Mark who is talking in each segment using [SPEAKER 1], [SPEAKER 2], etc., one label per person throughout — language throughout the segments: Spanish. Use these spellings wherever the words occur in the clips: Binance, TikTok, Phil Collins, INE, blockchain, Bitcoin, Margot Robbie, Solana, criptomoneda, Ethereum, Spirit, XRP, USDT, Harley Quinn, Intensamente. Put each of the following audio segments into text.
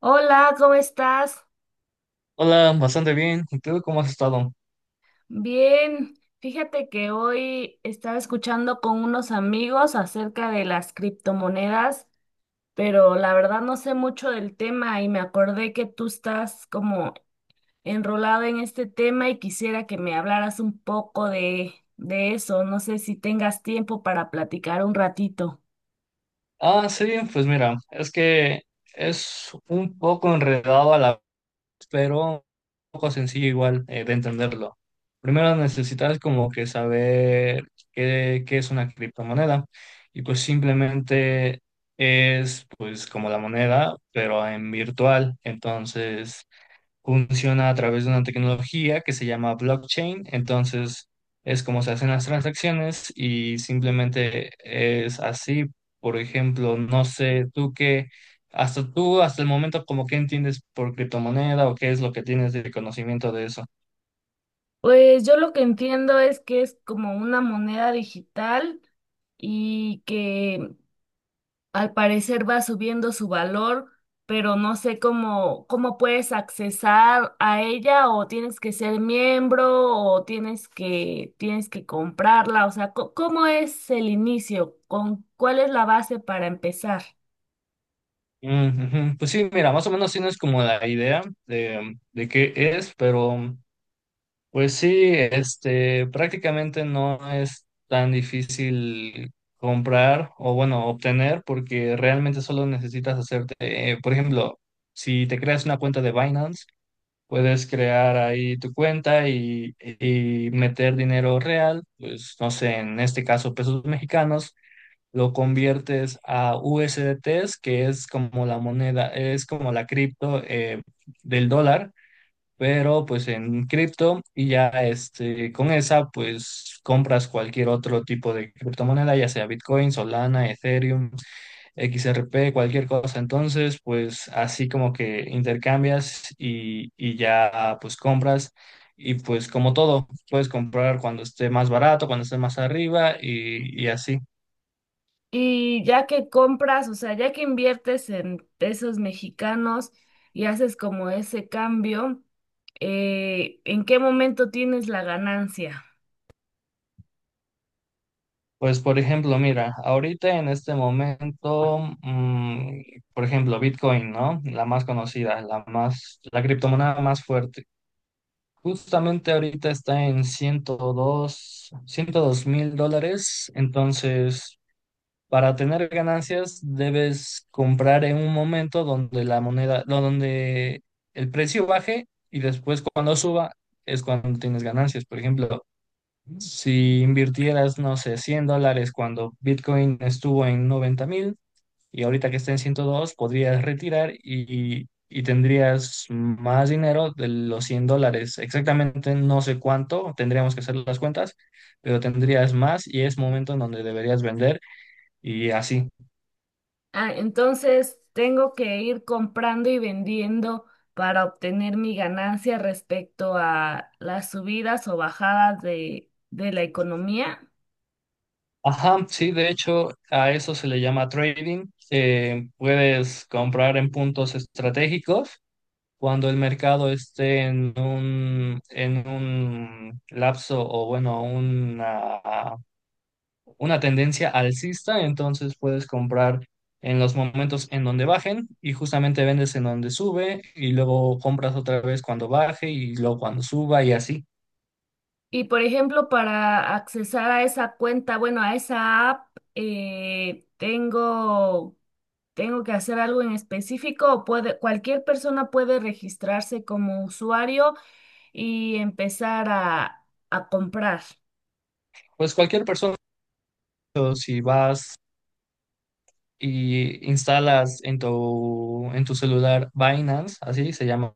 [SPEAKER 1] Hola, ¿cómo estás?
[SPEAKER 2] Hola, bastante bien. ¿Y tú cómo has estado?
[SPEAKER 1] Bien, fíjate que hoy estaba escuchando con unos amigos acerca de las criptomonedas, pero la verdad no sé mucho del tema y me acordé que tú estás como enrolado en este tema y quisiera que me hablaras un poco de eso. No sé si tengas tiempo para platicar un ratito.
[SPEAKER 2] Ah, sí, pues mira, es que es un poco enredado a la vez, pero un poco sencillo igual de entenderlo. Primero necesitas como que saber qué es una criptomoneda y pues simplemente es pues como la moneda, pero en virtual. Entonces, funciona a través de una tecnología que se llama blockchain. Entonces, es como se hacen las transacciones y simplemente es así. Por ejemplo, no sé, tú qué, hasta tú, hasta el momento, como qué entiendes por criptomoneda o qué es lo que tienes de conocimiento de eso.
[SPEAKER 1] Pues yo lo que entiendo es que es como una moneda digital y que al parecer va subiendo su valor, pero no sé cómo puedes accesar a ella o tienes que ser miembro o tienes que comprarla, o sea, ¿cómo es el inicio? ¿Con cuál es la base para empezar?
[SPEAKER 2] Mm, ujú. Pues sí, mira, más o menos tienes como la idea de qué es, pero. Pues sí, este, prácticamente no es tan difícil comprar o bueno, obtener porque realmente solo necesitas hacerte, por ejemplo, si te creas una cuenta de Binance, puedes crear ahí tu cuenta y meter dinero real, pues no sé, en este caso pesos mexicanos, lo conviertes a USDTs, que es como la moneda, es como la cripto del dólar, pero pues en cripto, y ya este, con esa pues compras cualquier otro tipo de criptomoneda, ya sea Bitcoin, Solana, Ethereum, XRP, cualquier cosa. Entonces pues así como que intercambias y ya pues compras, y pues como todo, puedes comprar cuando esté más barato, cuando esté más arriba, y así.
[SPEAKER 1] Y ya que compras, o sea, ya que inviertes en pesos mexicanos y haces como ese cambio, ¿en qué momento tienes la ganancia?
[SPEAKER 2] Pues por ejemplo, mira, ahorita en este momento, por ejemplo, Bitcoin, ¿no? La más conocida, la criptomoneda más fuerte. Justamente ahorita está en 102,000 dólares. Entonces, para tener ganancias, debes comprar en un momento donde la moneda, no, donde el precio baje, y después cuando suba es cuando tienes ganancias. Por ejemplo, si invirtieras, no sé, 100 dólares cuando Bitcoin estuvo en 90,000 y ahorita que está en 102, podrías retirar y tendrías más dinero de los 100 dólares. Exactamente no sé cuánto, tendríamos que hacer las cuentas, pero tendrías más, y es momento en donde deberías vender y así.
[SPEAKER 1] Ah, entonces tengo que ir comprando y vendiendo para obtener mi ganancia respecto a las subidas o bajadas de la economía.
[SPEAKER 2] Ajá, sí, de hecho, a eso se le llama trading. Puedes comprar en puntos estratégicos cuando el mercado esté en un lapso o bueno, una tendencia alcista; entonces puedes comprar en los momentos en donde bajen, y justamente vendes en donde sube, y luego compras otra vez cuando baje, y luego cuando suba, y así.
[SPEAKER 1] Y por ejemplo, para accesar a esa cuenta, bueno, a esa app, eh, tengo, tengo que hacer algo en específico o puede, cualquier persona puede registrarse como usuario y empezar a comprar.
[SPEAKER 2] Pues cualquier persona, o si vas y instalas en tu celular Binance, así se llama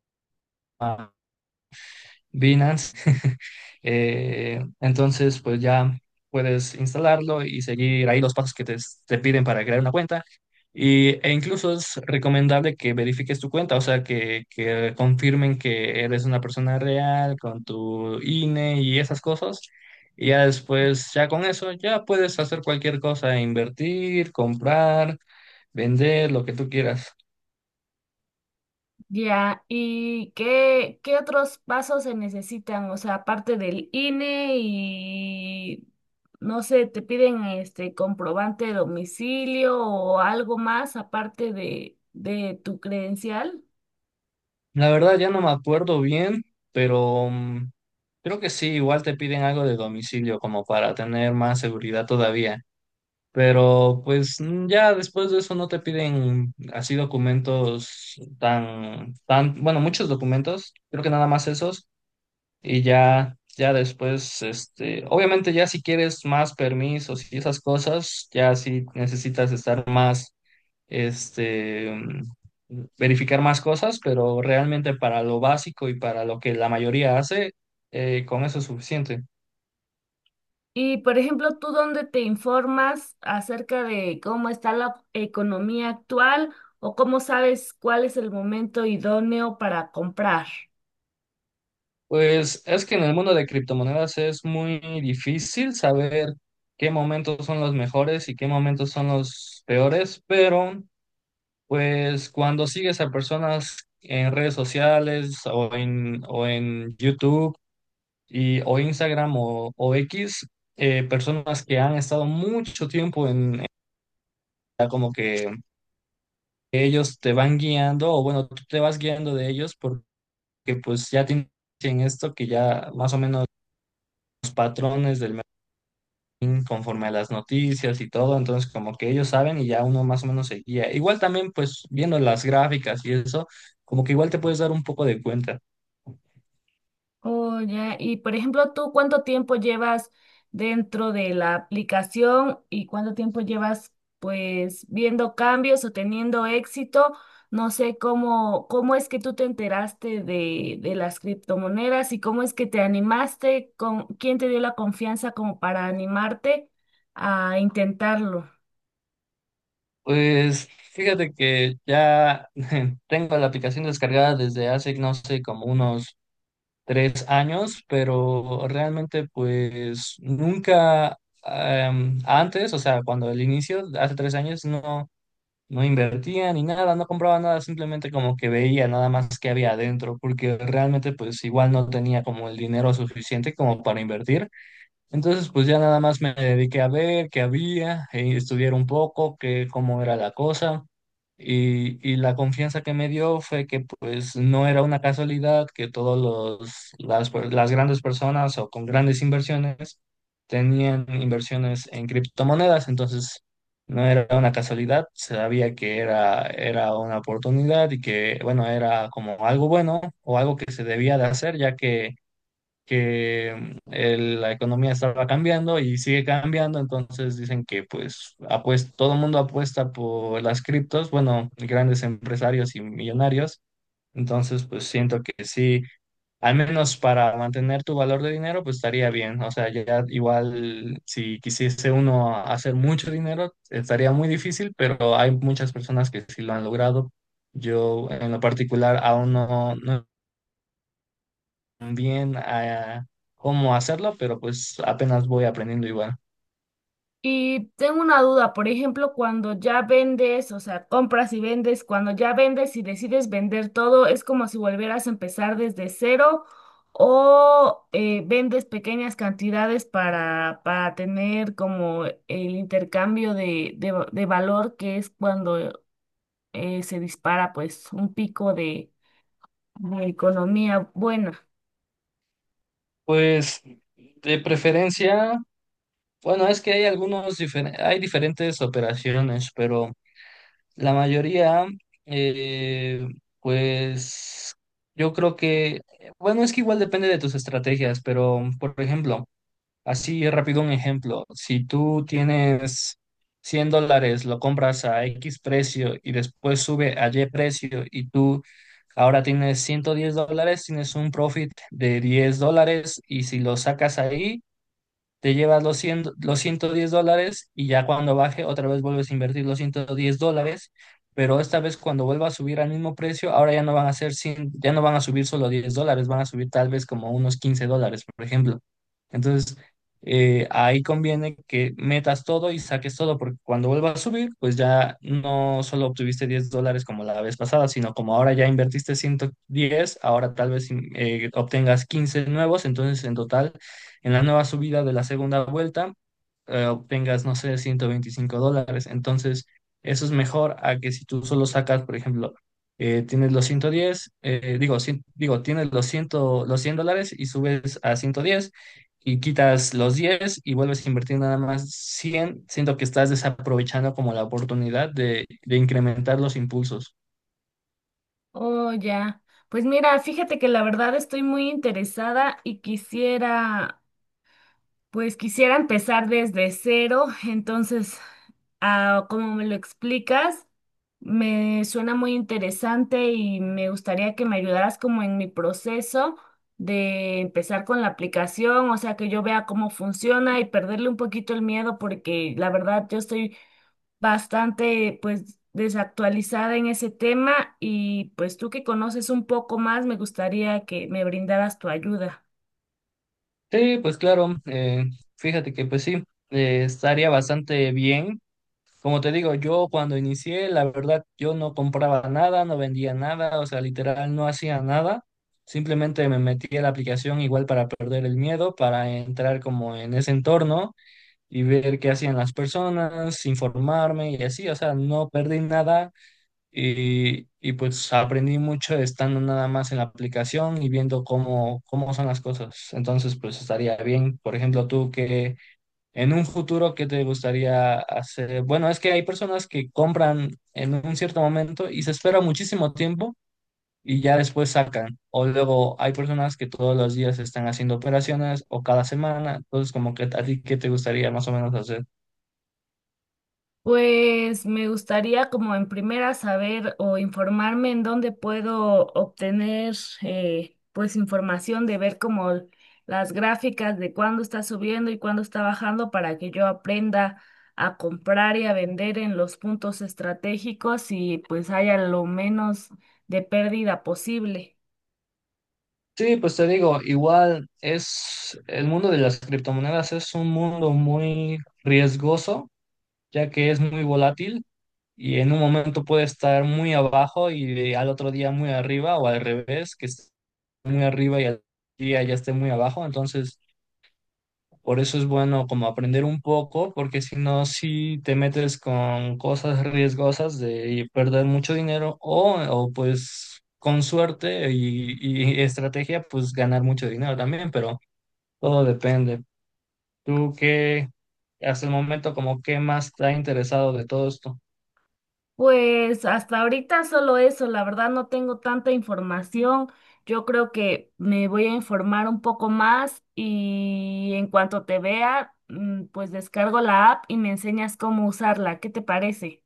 [SPEAKER 2] Binance. Entonces, pues ya puedes instalarlo y seguir ahí los pasos que te piden para crear una cuenta. E incluso es recomendable que verifiques tu cuenta, o sea, que confirmen que eres una persona real con tu INE y esas cosas. Y ya después, ya con eso, ya puedes hacer cualquier cosa, invertir, comprar, vender, lo que tú quieras.
[SPEAKER 1] Ya, ¿y qué otros pasos se necesitan? O sea, aparte del INE y, no sé, te piden este comprobante de domicilio o algo más aparte de tu credencial.
[SPEAKER 2] La verdad ya no me acuerdo bien, pero creo que sí, igual te piden algo de domicilio como para tener más seguridad todavía. Pero pues ya después de eso no te piden así documentos bueno, muchos documentos, creo que nada más esos. Y ya después, este, obviamente ya si quieres más permisos y esas cosas, ya sí necesitas estar más este, verificar más cosas, pero realmente para lo básico y para lo que la mayoría hace, con eso es suficiente.
[SPEAKER 1] Y, por ejemplo, ¿tú dónde te informas acerca de cómo está la economía actual o cómo sabes cuál es el momento idóneo para comprar?
[SPEAKER 2] Pues es que en el mundo de criptomonedas es muy difícil saber qué momentos son los mejores y qué momentos son los peores, pero pues cuando sigues a personas en redes sociales o o en YouTube o Instagram o X, personas que han estado mucho tiempo, ya como que ellos te van guiando, o bueno, tú te vas guiando de ellos, porque pues ya tienen esto, que ya más o menos los patrones del mercadín conforme a las noticias y todo, entonces como que ellos saben y ya uno más o menos se guía. Igual también pues viendo las gráficas y eso, como que igual te puedes dar un poco de cuenta.
[SPEAKER 1] Oh, ya. Y por ejemplo, ¿tú cuánto tiempo llevas dentro de la aplicación y cuánto tiempo llevas pues viendo cambios o teniendo éxito? No sé cómo es que tú te enteraste de las criptomonedas y cómo es que te animaste, con quién te dio la confianza como para animarte a intentarlo.
[SPEAKER 2] Pues fíjate que ya tengo la aplicación descargada desde hace, no sé, como unos 3 años, pero realmente pues nunca antes, o sea, cuando el inicio, hace 3 años, no, no invertía ni nada, no compraba nada, simplemente como que veía nada más que había adentro, porque realmente pues igual no tenía como el dinero suficiente como para invertir. Entonces, pues ya nada más me dediqué a ver qué había, estudiar un poco, cómo era la cosa. Y la confianza que me dio fue que pues no era una casualidad que todos las grandes personas o con grandes inversiones tenían inversiones en criptomonedas; entonces no era una casualidad, sabía que era una oportunidad y que bueno, era como algo bueno o algo que se debía de hacer, ya que la economía estaba cambiando y sigue cambiando, entonces dicen que pues todo el mundo apuesta por las criptos, bueno, grandes empresarios y millonarios, entonces pues siento que sí, al menos para mantener tu valor de dinero pues estaría bien, o sea, ya igual si quisiese uno hacer mucho dinero estaría muy difícil, pero hay muchas personas que sí lo han logrado. Yo en lo particular aún no, no bien a cómo hacerlo, pero pues apenas voy aprendiendo igual.
[SPEAKER 1] Y tengo una duda, por ejemplo, cuando ya vendes, o sea, compras y vendes, cuando ya vendes y decides vender todo, ¿es como si volvieras a empezar desde cero o vendes pequeñas cantidades para tener como el intercambio de, de valor que es cuando se dispara pues un pico de economía buena?
[SPEAKER 2] Pues de preferencia, bueno, es que hay algunos, hay diferentes operaciones, pero la mayoría, eh, pues yo creo que, bueno, es que igual depende de tus estrategias, pero por ejemplo, así rápido un ejemplo: si tú tienes 100 dólares, lo compras a X precio y después sube a Y precio y tú ahora tienes 110 dólares, tienes un profit de 10 dólares, y si lo sacas ahí, te llevas los cien, los 110 dólares, y ya cuando baje otra vez vuelves a invertir los 110 dólares, pero esta vez cuando vuelva a subir al mismo precio, ahora ya no van a ser cien, ya no van a subir solo 10 dólares, van a subir tal vez como unos 15 dólares, por ejemplo. Entonces, ahí conviene que metas todo y saques todo, porque cuando vuelva a subir, pues ya no solo obtuviste 10 dólares como la vez pasada, sino como ahora ya invertiste 110, ahora tal vez obtengas 15 nuevos, entonces en total en la nueva subida de la segunda vuelta obtengas, no sé, 125 dólares. Entonces, eso es mejor a que si tú solo sacas, por ejemplo, tienes los 110, digo, digo, tienes los 100, los 100 dólares, y subes a 110 y quitas los 10 y vuelves a invertir nada más cien; siento que estás desaprovechando como la oportunidad de incrementar los impulsos.
[SPEAKER 1] Oh, ya. Pues mira, fíjate que la verdad estoy muy interesada y quisiera pues quisiera empezar desde cero, entonces, ah, como me lo explicas, me suena muy interesante y me gustaría que me ayudaras como en mi proceso de empezar con la aplicación, o sea, que yo vea cómo funciona y perderle un poquito el miedo, porque la verdad yo estoy bastante, pues, desactualizada en ese tema y pues tú que conoces un poco más, me gustaría que me brindaras tu ayuda.
[SPEAKER 2] Sí, pues claro, fíjate que pues sí, estaría bastante bien. Como te digo, yo cuando inicié, la verdad, yo no compraba nada, no vendía nada, o sea, literal no hacía nada. Simplemente me metí a la aplicación igual para perder el miedo, para entrar como en ese entorno y ver qué hacían las personas, informarme y así, o sea, no perdí nada, y pues aprendí mucho estando nada más en la aplicación y viendo cómo son las cosas. Entonces, pues estaría bien. Por ejemplo, tú que en un futuro, ¿qué te gustaría hacer? Bueno, es que hay personas que compran en un cierto momento y se espera muchísimo tiempo y ya después sacan. O luego hay personas que todos los días están haciendo operaciones o cada semana. Entonces, como que a ti, ¿qué te gustaría más o menos hacer?
[SPEAKER 1] Pues me gustaría como en primera saber o informarme en dónde puedo obtener pues información de ver como las gráficas de cuándo está subiendo y cuándo está bajando para que yo aprenda a comprar y a vender en los puntos estratégicos y pues haya lo menos de pérdida posible.
[SPEAKER 2] Sí, pues te digo, igual es el mundo de las criptomonedas, es un mundo muy riesgoso, ya que es muy volátil, y en un momento puede estar muy abajo y al otro día muy arriba, o al revés, que esté muy arriba y al día ya esté muy abajo. Entonces, por eso es bueno como aprender un poco, porque si no, si te metes con cosas riesgosas de perder mucho dinero, o pues con suerte y estrategia, pues ganar mucho dinero también, pero todo depende. ¿Tú qué, hasta el momento, como qué más te ha interesado de todo esto?
[SPEAKER 1] Pues hasta ahorita solo eso, la verdad no tengo tanta información. Yo creo que me voy a informar un poco más y en cuanto te vea, mm, pues descargo la app y me enseñas cómo usarla. ¿Qué te parece?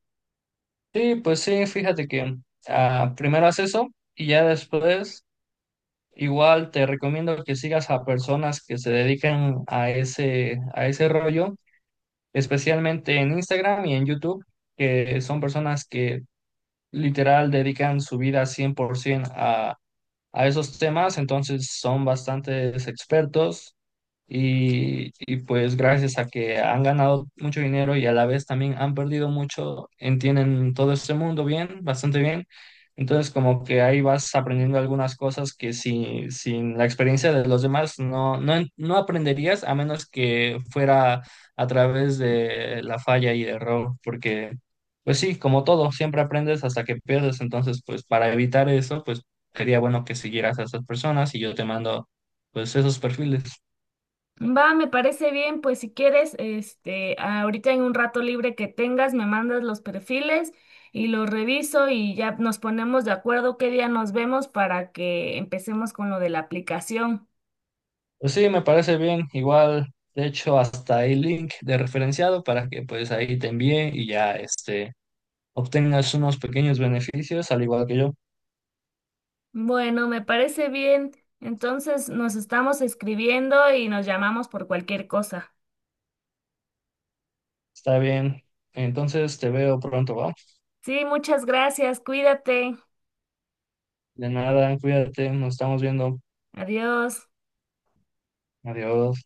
[SPEAKER 2] Sí, pues sí, fíjate que primero haz eso y ya después igual te recomiendo que sigas a personas que se dedican a ese rollo, especialmente en Instagram y en YouTube, que son personas que literal dedican su vida 100% a esos temas, entonces son bastantes expertos, y pues gracias a que han ganado mucho dinero y a la vez también han perdido mucho, entienden todo este mundo bien, bastante bien. Entonces como que ahí vas aprendiendo algunas cosas que sin la experiencia de los demás no, no aprenderías a menos que fuera a través de la falla y error, porque. Pues sí, como todo, siempre aprendes hasta que pierdes, entonces pues para evitar eso, pues sería bueno que siguieras a esas personas y yo te mando pues esos perfiles.
[SPEAKER 1] Va, me parece bien, pues si quieres, este, ahorita en un rato libre que tengas, me mandas los perfiles y los reviso y ya nos ponemos de acuerdo qué día nos vemos para que empecemos con lo de la aplicación.
[SPEAKER 2] Pues sí, me parece bien. Igual, de hecho, hasta hay link de referenciado para que pues ahí te envíe y ya este obtengas unos pequeños beneficios al igual que yo.
[SPEAKER 1] Bueno, me parece bien. Entonces nos estamos escribiendo y nos llamamos por cualquier cosa.
[SPEAKER 2] Está bien. Entonces te veo pronto, ¿va?
[SPEAKER 1] Sí, muchas gracias. Cuídate.
[SPEAKER 2] De nada, cuídate, nos estamos viendo.
[SPEAKER 1] Adiós.
[SPEAKER 2] Adiós.